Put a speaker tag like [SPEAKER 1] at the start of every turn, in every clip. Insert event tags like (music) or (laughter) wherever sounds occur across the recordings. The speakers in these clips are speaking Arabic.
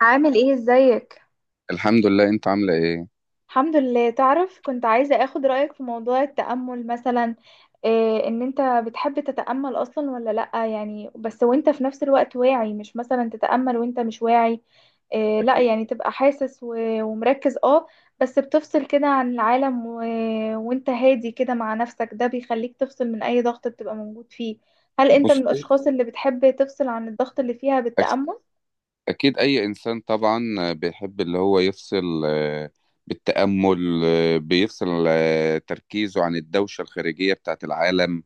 [SPEAKER 1] عامل ايه؟ ازيك؟
[SPEAKER 2] الحمد لله. انت عامله ايه؟
[SPEAKER 1] الحمد لله. تعرف، كنت عايزة اخد رأيك في موضوع التأمل مثلا. إيه ان انت بتحب تتأمل اصلا ولا لأ؟ يعني بس وانت في نفس الوقت واعي، مش مثلا تتأمل وانت مش واعي. إيه، لأ،
[SPEAKER 2] اكيد.
[SPEAKER 1] يعني تبقى حاسس و- ومركز. اه بس بتفصل كده عن العالم وانت هادي كده مع نفسك، ده بيخليك تفصل من اي ضغط بتبقى موجود فيه. هل انت من
[SPEAKER 2] بص.
[SPEAKER 1] الاشخاص اللي بتحب تفصل عن الضغط اللي فيها
[SPEAKER 2] أك-
[SPEAKER 1] بالتأمل؟
[SPEAKER 2] اكيد اي انسان طبعا بيحب اللي هو يفصل بالتامل. بيفصل تركيزه عن الدوشه الخارجيه بتاعت العالم.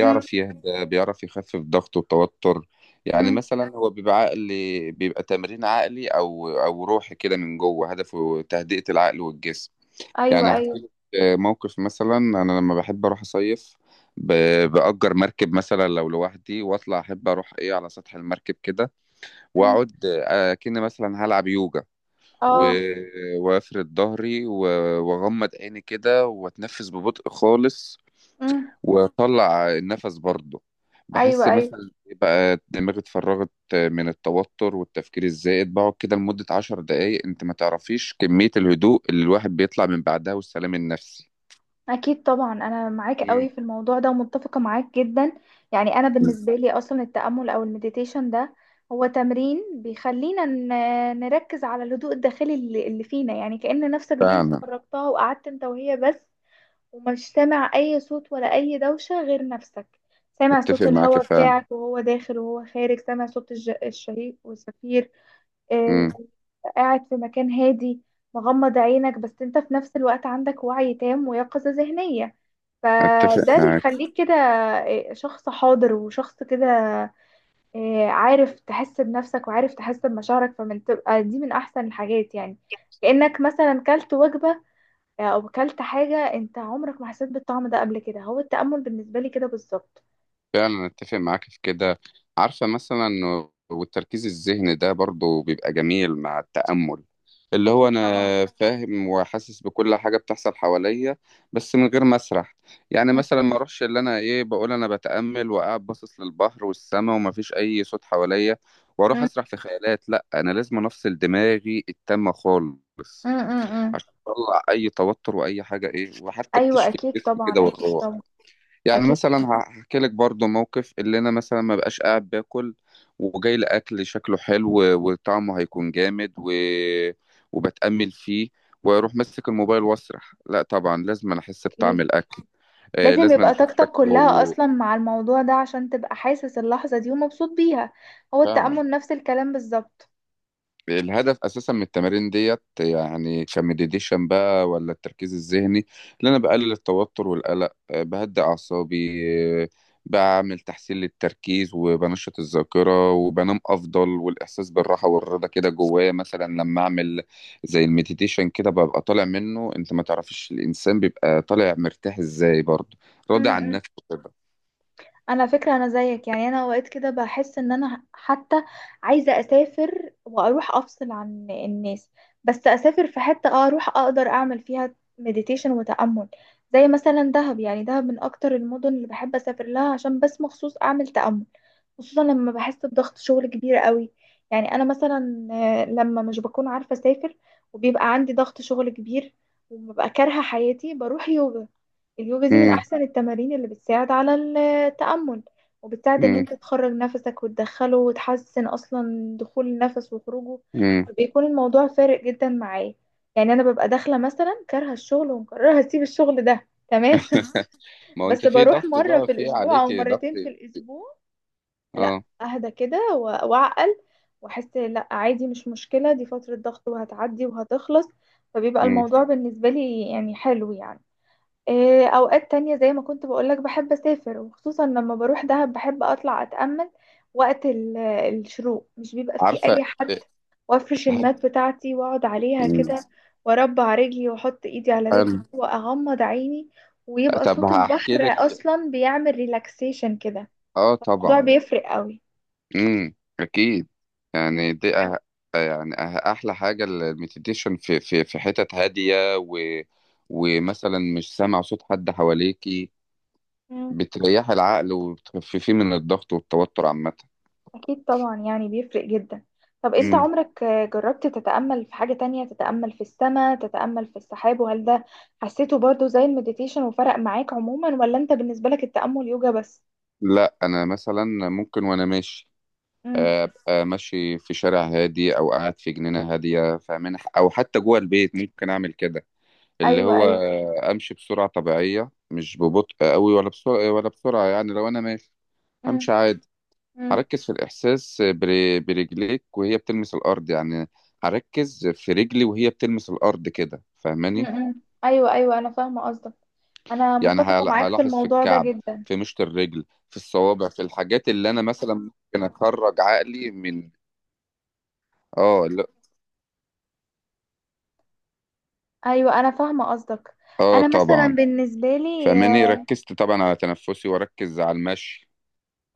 [SPEAKER 1] مم.
[SPEAKER 2] يهدى، بيعرف يخفف ضغطه وتوتر. يعني
[SPEAKER 1] مم.
[SPEAKER 2] مثلا هو بيبقى عقلي، بيبقى تمرين عقلي او روحي كده من جوه، هدفه تهدئه العقل والجسم. يعني
[SPEAKER 1] ايوه،
[SPEAKER 2] هحكي
[SPEAKER 1] ايوه.
[SPEAKER 2] لك موقف. مثلا انا لما بحب اروح اصيف، بأجر مركب مثلا لو لوحدي، واطلع احب اروح ايه على سطح المركب كده،
[SPEAKER 1] مم.
[SPEAKER 2] واقعد كأني مثلا هلعب يوجا، و-
[SPEAKER 1] اه.
[SPEAKER 2] وافرد ظهري واغمض عيني كده واتنفس ببطء خالص،
[SPEAKER 1] امم.
[SPEAKER 2] واطلع النفس برضه. بحس
[SPEAKER 1] ايوه، ايوه.
[SPEAKER 2] مثلا إيه بقى دماغي اتفرغت من التوتر والتفكير الزائد. بقعد كده لمدة 10 دقايق، انت ما تعرفيش كمية الهدوء اللي الواحد بيطلع من بعدها والسلام النفسي.
[SPEAKER 1] اكيد طبعا، انا معاك
[SPEAKER 2] مم.
[SPEAKER 1] قوي في الموضوع ده ومتفقه معاك جدا. يعني انا بالنسبه لي اصلا التامل او المديتيشن ده هو تمرين بيخلينا نركز على الهدوء الداخلي اللي فينا. يعني كأن نفسك دي انت
[SPEAKER 2] فعلا.
[SPEAKER 1] خرجتها وقعدت انت وهي بس، ومش سامع اي صوت ولا اي دوشه غير نفسك. سامع
[SPEAKER 2] اتفق
[SPEAKER 1] صوت
[SPEAKER 2] معاك
[SPEAKER 1] الهواء
[SPEAKER 2] فعلا.
[SPEAKER 1] بتاعك وهو داخل وهو خارج، سامع صوت الشهيق والزفير.
[SPEAKER 2] مم.
[SPEAKER 1] قاعد في مكان هادي، مغمض عينك، بس انت في نفس الوقت عندك وعي تام ويقظة ذهنية.
[SPEAKER 2] اتفق
[SPEAKER 1] فده اللي
[SPEAKER 2] معاك.
[SPEAKER 1] يخليك كده شخص حاضر وشخص كده، عارف تحس بنفسك وعارف تحس بمشاعرك، فمن تبقى دي من احسن الحاجات يعني. كأنك مثلا كلت وجبة، او كلت حاجة انت عمرك ما حسيت بالطعم ده قبل كده. هو التأمل بالنسبة لي كده بالظبط.
[SPEAKER 2] فعلا اتفق معاك في كده. عارفة مثلا والتركيز الذهني ده برضو بيبقى جميل مع التأمل. اللي
[SPEAKER 1] اكيد
[SPEAKER 2] هو
[SPEAKER 1] طبعا.
[SPEAKER 2] انا فاهم وحاسس بكل حاجة بتحصل حواليا، بس من غير ما اسرح. يعني
[SPEAKER 1] م-
[SPEAKER 2] مثلا ما اروحش اللي انا ايه بقول انا بتأمل وقاعد باصص للبحر والسماء ومفيش اي صوت حواليا، واروح
[SPEAKER 1] م-
[SPEAKER 2] اسرح في خيالات. لا، انا لازم افصل دماغي التامة خالص
[SPEAKER 1] م.
[SPEAKER 2] عشان تطلع اي توتر واي حاجه ايه، وحتى
[SPEAKER 1] ايوه،
[SPEAKER 2] بتشفي
[SPEAKER 1] اكيد
[SPEAKER 2] الجسم كده
[SPEAKER 1] طبعا، اكيد
[SPEAKER 2] والروح.
[SPEAKER 1] طبعا.
[SPEAKER 2] يعني
[SPEAKER 1] اكيد.
[SPEAKER 2] مثلا هحكي لك برضو موقف. اللي انا مثلا ما بقاش قاعد باكل وجاي لاكل شكله حلو وطعمه هيكون جامد وبتامل فيه، واروح ماسك الموبايل واسرح. لا طبعا لازم انا احس بطعم
[SPEAKER 1] اكيد.
[SPEAKER 2] الاكل. آه،
[SPEAKER 1] لازم
[SPEAKER 2] لازم انا
[SPEAKER 1] يبقى
[SPEAKER 2] اشوف
[SPEAKER 1] طاقتك كلها
[SPEAKER 2] شكله.
[SPEAKER 1] اصلا مع الموضوع ده عشان تبقى حاسس اللحظة دي ومبسوط بيها. هو
[SPEAKER 2] فعلا.
[SPEAKER 1] التأمل نفس الكلام بالظبط.
[SPEAKER 2] الهدف اساسا من التمارين ديت، يعني كمديتيشن بقى ولا التركيز الذهني، اللي انا بقلل التوتر والقلق بهدي اعصابي آه، بعمل تحسين للتركيز وبنشط الذاكره وبنام افضل والاحساس بالراحه والرضا كده جوايا. مثلا لما اعمل زي المديتيشن كده ببقى طالع منه، انت ما تعرفش الانسان بيبقى طالع مرتاح ازاي برضه،
[SPEAKER 1] م-
[SPEAKER 2] راضي عن
[SPEAKER 1] م.
[SPEAKER 2] نفسه كده.
[SPEAKER 1] انا فكرة، انا زيك. يعني انا اوقات كده بحس ان انا حتى عايزة اسافر واروح افصل عن الناس، بس اسافر في حتة آه اروح اقدر اعمل فيها مديتيشن وتأمل. زي مثلا دهب. يعني دهب من اكتر المدن اللي بحب اسافر لها عشان بس مخصوص اعمل تأمل. خصوصا لما بحس بضغط شغل كبير قوي. يعني انا مثلا لما مش بكون عارفه اسافر وبيبقى عندي ضغط شغل كبير وببقى كارهه حياتي، بروح يوجا. اليوجا دي من
[SPEAKER 2] امم.
[SPEAKER 1] احسن التمارين اللي بتساعد على التأمل، وبتساعد ان
[SPEAKER 2] امم.
[SPEAKER 1] انت تخرج نفسك وتدخله وتحسن اصلا دخول النفس وخروجه.
[SPEAKER 2] امم.
[SPEAKER 1] بيكون الموضوع فارق جدا معايا. يعني انا ببقى داخله مثلا كارهه الشغل ومقرره هسيب الشغل ده تمام
[SPEAKER 2] (laughs)
[SPEAKER 1] (laughs)
[SPEAKER 2] ما هو
[SPEAKER 1] بس
[SPEAKER 2] انت في
[SPEAKER 1] بروح
[SPEAKER 2] ضغط
[SPEAKER 1] مره
[SPEAKER 2] بقى،
[SPEAKER 1] في
[SPEAKER 2] في
[SPEAKER 1] الاسبوع او
[SPEAKER 2] عليك ضغط.
[SPEAKER 1] مرتين في الاسبوع، لا
[SPEAKER 2] اه.
[SPEAKER 1] اهدى كده و- واعقل واحس لا عادي، مش مشكلة، دي فترة ضغط وهتعدي وهتخلص. فبيبقى
[SPEAKER 2] مم.
[SPEAKER 1] الموضوع بالنسبة لي يعني حلو يعني. اوقات تانية زي ما كنت بقولك بحب اسافر، وخصوصا لما بروح دهب بحب اطلع اتأمل وقت الشروق، مش بيبقى فيه
[SPEAKER 2] عارفة.
[SPEAKER 1] اي حد.
[SPEAKER 2] إيه،
[SPEAKER 1] وافرش
[SPEAKER 2] هل-
[SPEAKER 1] المات بتاعتي واقعد عليها
[SPEAKER 2] مم.
[SPEAKER 1] كده، واربع رجلي واحط ايدي على
[SPEAKER 2] حلو.
[SPEAKER 1] رجلي واغمض عيني، ويبقى
[SPEAKER 2] طب
[SPEAKER 1] صوت البحر
[SPEAKER 2] هحكي لك.
[SPEAKER 1] اصلا بيعمل ريلاكسيشن كده.
[SPEAKER 2] اه
[SPEAKER 1] الموضوع
[SPEAKER 2] طبعا.
[SPEAKER 1] بيفرق قوي.
[SPEAKER 2] امم. اكيد. يعني دي يعني احلى حاجة المديتيشن في حتت هادية ومثلا مش سامع صوت حد حواليكي،
[SPEAKER 1] مم.
[SPEAKER 2] بتريح العقل وبتخففيه من الضغط والتوتر عامة.
[SPEAKER 1] أكيد طبعا، يعني بيفرق جدا. طب أنت
[SPEAKER 2] مم.
[SPEAKER 1] عمرك جربت تتأمل في حاجة تانية؟ تتأمل في السماء، تتأمل في السحاب، وهل ده حسيته برضو زي المديتيشن وفرق معاك عموما؟ ولا أنت بالنسبة لك التأمل يوجا بس؟
[SPEAKER 2] لا انا مثلا ممكن وانا ماشي
[SPEAKER 1] مم.
[SPEAKER 2] ابقى ماشي في شارع هادي، او قاعد في جنينة هادية فاهمين، او حتى جوه البيت ممكن اعمل كده. اللي
[SPEAKER 1] أيوة،
[SPEAKER 2] هو
[SPEAKER 1] أيوة.
[SPEAKER 2] امشي بسرعه طبيعيه، مش ببطء قوي ولا بسرعه ولا بسرعه. يعني لو انا ماشي
[SPEAKER 1] مم.
[SPEAKER 2] همشي عادي،
[SPEAKER 1] مم.
[SPEAKER 2] هركز في الاحساس برجليك وهي بتلمس الارض. يعني هركز في رجلي وهي بتلمس الارض كده،
[SPEAKER 1] مم.
[SPEAKER 2] فاهماني؟
[SPEAKER 1] مم. أيوة، أيوة، أنا فاهمة قصدك. أنا
[SPEAKER 2] يعني
[SPEAKER 1] متفقة معاك في
[SPEAKER 2] هلاحظ في
[SPEAKER 1] الموضوع ده
[SPEAKER 2] الكعب،
[SPEAKER 1] جدا.
[SPEAKER 2] في مشط الرجل، في الصوابع، في الحاجات اللي انا مثلا ممكن اخرج عقلي من. اه لا،
[SPEAKER 1] أيوة، أنا فاهمة قصدك.
[SPEAKER 2] اه
[SPEAKER 1] أنا مثلا
[SPEAKER 2] طبعا.
[SPEAKER 1] بالنسبة لي
[SPEAKER 2] فاهماني، ركزت طبعا على تنفسي واركز على المشي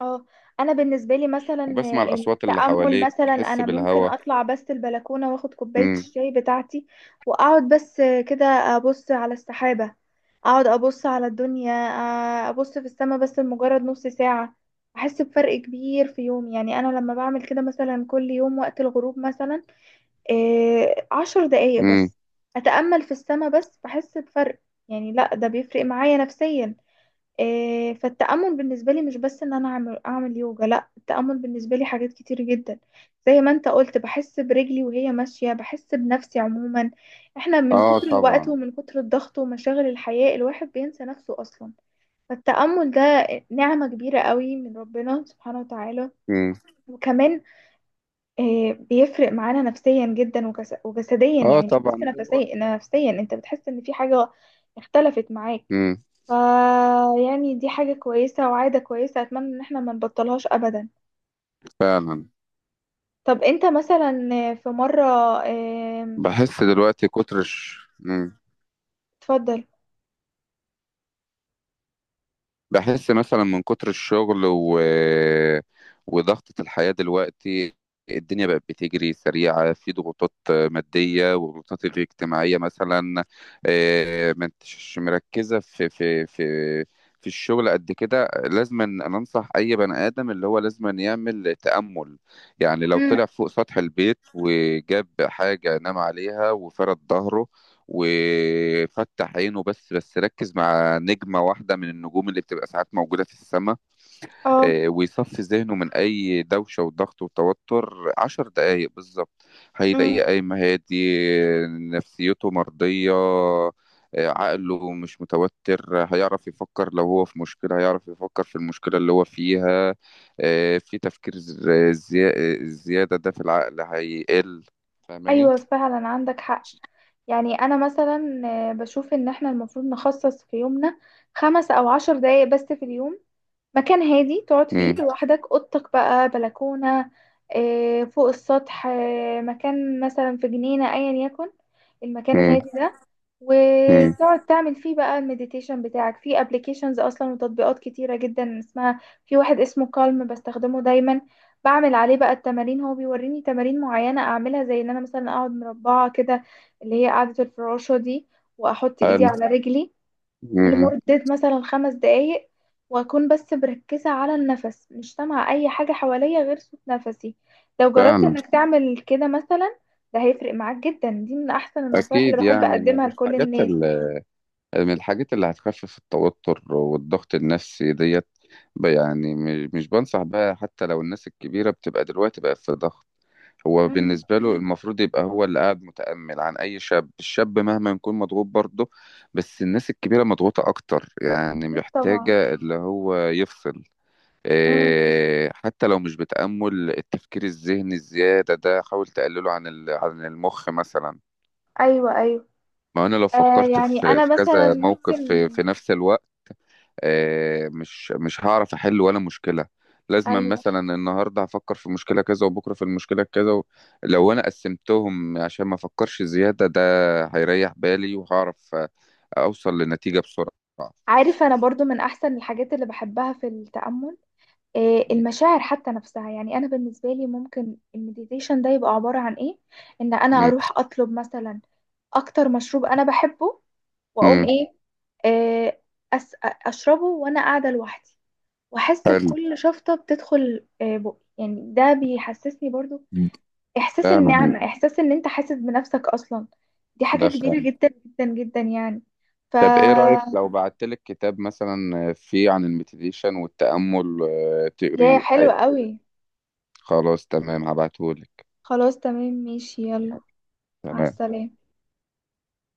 [SPEAKER 1] اه، انا بالنسبه لي مثلا
[SPEAKER 2] وبسمع الاصوات اللي
[SPEAKER 1] التامل،
[SPEAKER 2] حواليك،
[SPEAKER 1] مثلا
[SPEAKER 2] حس
[SPEAKER 1] انا ممكن
[SPEAKER 2] بالهواء.
[SPEAKER 1] اطلع بس البلكونه واخد كوبايه الشاي بتاعتي واقعد بس كده ابص على السحابه، اقعد ابص على الدنيا، ابص في السماء بس لمجرد نص ساعه. احس بفرق كبير في يومي. يعني انا لما بعمل كده مثلا كل يوم وقت الغروب مثلا 10 دقايق
[SPEAKER 2] امم.
[SPEAKER 1] بس اتامل في السماء بس، بحس بفرق. يعني لا، ده بيفرق معايا نفسيا. فالتأمل بالنسبة لي مش بس إن أنا أعمل يوجا. لأ، التأمل بالنسبة لي حاجات كتير جدا، زي ما أنت قلت بحس برجلي وهي ماشية، بحس بنفسي عموما. إحنا من
[SPEAKER 2] اه
[SPEAKER 1] كتر الوقت
[SPEAKER 2] طبعا.
[SPEAKER 1] ومن كتر الضغط ومشاغل الحياة الواحد بينسى نفسه أصلا. فالتأمل ده نعمة كبيرة قوي من ربنا سبحانه وتعالى.
[SPEAKER 2] امم.
[SPEAKER 1] وكمان بيفرق معانا نفسيا جدا وجسديا.
[SPEAKER 2] اه
[SPEAKER 1] يعني مش بس
[SPEAKER 2] طبعا دلوقتي.
[SPEAKER 1] نفسيا، نفسيا أنت بتحس إن في حاجة اختلفت معاك.
[SPEAKER 2] امم.
[SPEAKER 1] ف يعني دي حاجة كويسة وعادة كويسة، أتمنى إن احنا ما نبطلهاش أبدا.
[SPEAKER 2] فعلا.
[SPEAKER 1] طب أنت مثلا في مرة آم،
[SPEAKER 2] بحس دلوقتي كتر الش... مم.
[SPEAKER 1] اتفضل.
[SPEAKER 2] بحس مثلا من كتر الشغل وضغطة الحياة دلوقتي. الدنيا بقت بتجري سريعة، في ضغوطات مادية وضغوطات اجتماعية مثلا. ما انتش مركزة في في الشغل قد كده. لازم أن أنا أنصح أي بني آدم اللي هو لازم أن يعمل تأمل. يعني لو
[SPEAKER 1] امم.
[SPEAKER 2] طلع فوق سطح البيت وجاب حاجة نام عليها وفرد ظهره وفتح عينه، بس بس ركز مع نجمة واحدة من النجوم اللي بتبقى ساعات موجودة في السماء،
[SPEAKER 1] اه.
[SPEAKER 2] ويصفي ذهنه من أي دوشة وضغط وتوتر 10 دقايق بالظبط، هيلاقيه
[SPEAKER 1] امم.
[SPEAKER 2] قايم هادي، نفسيته مرضية، عقله مش متوتر، هيعرف يفكر. لو هو في مشكلة هيعرف يفكر في المشكلة اللي هو فيها، في تفكير زيادة ده في العقل هيقل. فاهماني؟
[SPEAKER 1] ايوه فعلا، عندك حق. يعني انا مثلا بشوف ان احنا المفروض نخصص في يومنا 5 او 10 دقايق بس في اليوم. مكان هادي تقعد فيه
[SPEAKER 2] مم،
[SPEAKER 1] لوحدك، اوضتك بقى، بلكونة، فوق السطح، مكان مثلا في جنينة، ايا يكن المكان
[SPEAKER 2] مم،
[SPEAKER 1] الهادي ده. وتقعد تعمل فيه بقى المديتيشن بتاعك. في ابلكيشنز اصلا وتطبيقات كتيرة جدا اسمها، في واحد اسمه كالم بستخدمه دايما. بعمل عليه بقى التمارين، هو بيوريني تمارين معينة اعملها زي ان انا مثلا اقعد مربعة كده، اللي هي قاعدة الفراشة دي، واحط ايدي
[SPEAKER 2] مم.
[SPEAKER 1] على رجلي
[SPEAKER 2] مم.
[SPEAKER 1] لمدة مثلا 5 دقايق. وأكون بس مركزة على النفس، مش سامعة أي حاجة حواليا غير صوت نفسي. لو جربت
[SPEAKER 2] فعلا.
[SPEAKER 1] إنك تعمل كده مثلا، ده هيفرق معاك جدا. دي من أحسن النصايح اللي
[SPEAKER 2] أكيد.
[SPEAKER 1] بحب
[SPEAKER 2] يعني من
[SPEAKER 1] أقدمها لكل
[SPEAKER 2] الحاجات
[SPEAKER 1] الناس.
[SPEAKER 2] من الحاجات اللي هتخفف التوتر والضغط النفسي ديت. يعني مش بنصح بها. حتى لو الناس الكبيرة بتبقى دلوقتي بقى في ضغط، هو
[SPEAKER 1] امم.
[SPEAKER 2] بالنسبة له المفروض يبقى هو اللي قاعد متأمل. عن أي شاب، الشاب مهما يكون مضغوط برضه، بس الناس الكبيرة مضغوطة أكتر يعني،
[SPEAKER 1] أكيد طبعا.
[SPEAKER 2] محتاجة اللي هو يفصل.
[SPEAKER 1] امم.
[SPEAKER 2] إيه، حتى لو مش بتأمل، التفكير الذهني الزيادة ده حاول تقلله عن عن المخ مثلا.
[SPEAKER 1] أيوه، أيوه.
[SPEAKER 2] ما انا لو
[SPEAKER 1] آه،
[SPEAKER 2] فكرت
[SPEAKER 1] يعني
[SPEAKER 2] في
[SPEAKER 1] أنا
[SPEAKER 2] في
[SPEAKER 1] مثلا
[SPEAKER 2] كذا موقف
[SPEAKER 1] ممكن.
[SPEAKER 2] في, في نفس الوقت، مش هعرف احل ولا مشكله. لازم
[SPEAKER 1] أيوه.
[SPEAKER 2] مثلا النهارده هفكر في مشكله كذا، وبكره في المشكله كذا لو انا قسمتهم عشان ما افكرش زياده ده، هيريح بالي وهعرف اوصل لنتيجه بسرعه.
[SPEAKER 1] عارف، أنا برضو من أحسن الحاجات اللي بحبها في التأمل آه
[SPEAKER 2] مم.
[SPEAKER 1] المشاعر حتى نفسها. يعني أنا بالنسبة لي ممكن المديتيشن ده يبقى عبارة عن إيه، إن أنا
[SPEAKER 2] مم.
[SPEAKER 1] أروح أطلب مثلا اكتر مشروب انا بحبه واقوم
[SPEAKER 2] مم.
[SPEAKER 1] ايه آه، اشربه وانا قاعده لوحدي، واحس
[SPEAKER 2] حلو.
[SPEAKER 1] بكل شفطه بتدخل، بقي يعني ده بيحسسني برضو احساس
[SPEAKER 2] فعلا.
[SPEAKER 1] النعمه، احساس ان انت حاسس بنفسك اصلا. دي حاجه
[SPEAKER 2] ده
[SPEAKER 1] كبيره
[SPEAKER 2] فعلا.
[SPEAKER 1] جدا جدا جدا يعني. ف
[SPEAKER 2] طب ايه رايك لو بعتلك كتاب مثلا فيه عن المديتيشن والتامل
[SPEAKER 1] يا
[SPEAKER 2] تقريه
[SPEAKER 1] حلوه قوي.
[SPEAKER 2] خلاص تمام، هبعتهولك.
[SPEAKER 1] خلاص تمام، ماشي، يلا. مع
[SPEAKER 2] تمام.
[SPEAKER 1] السلامه.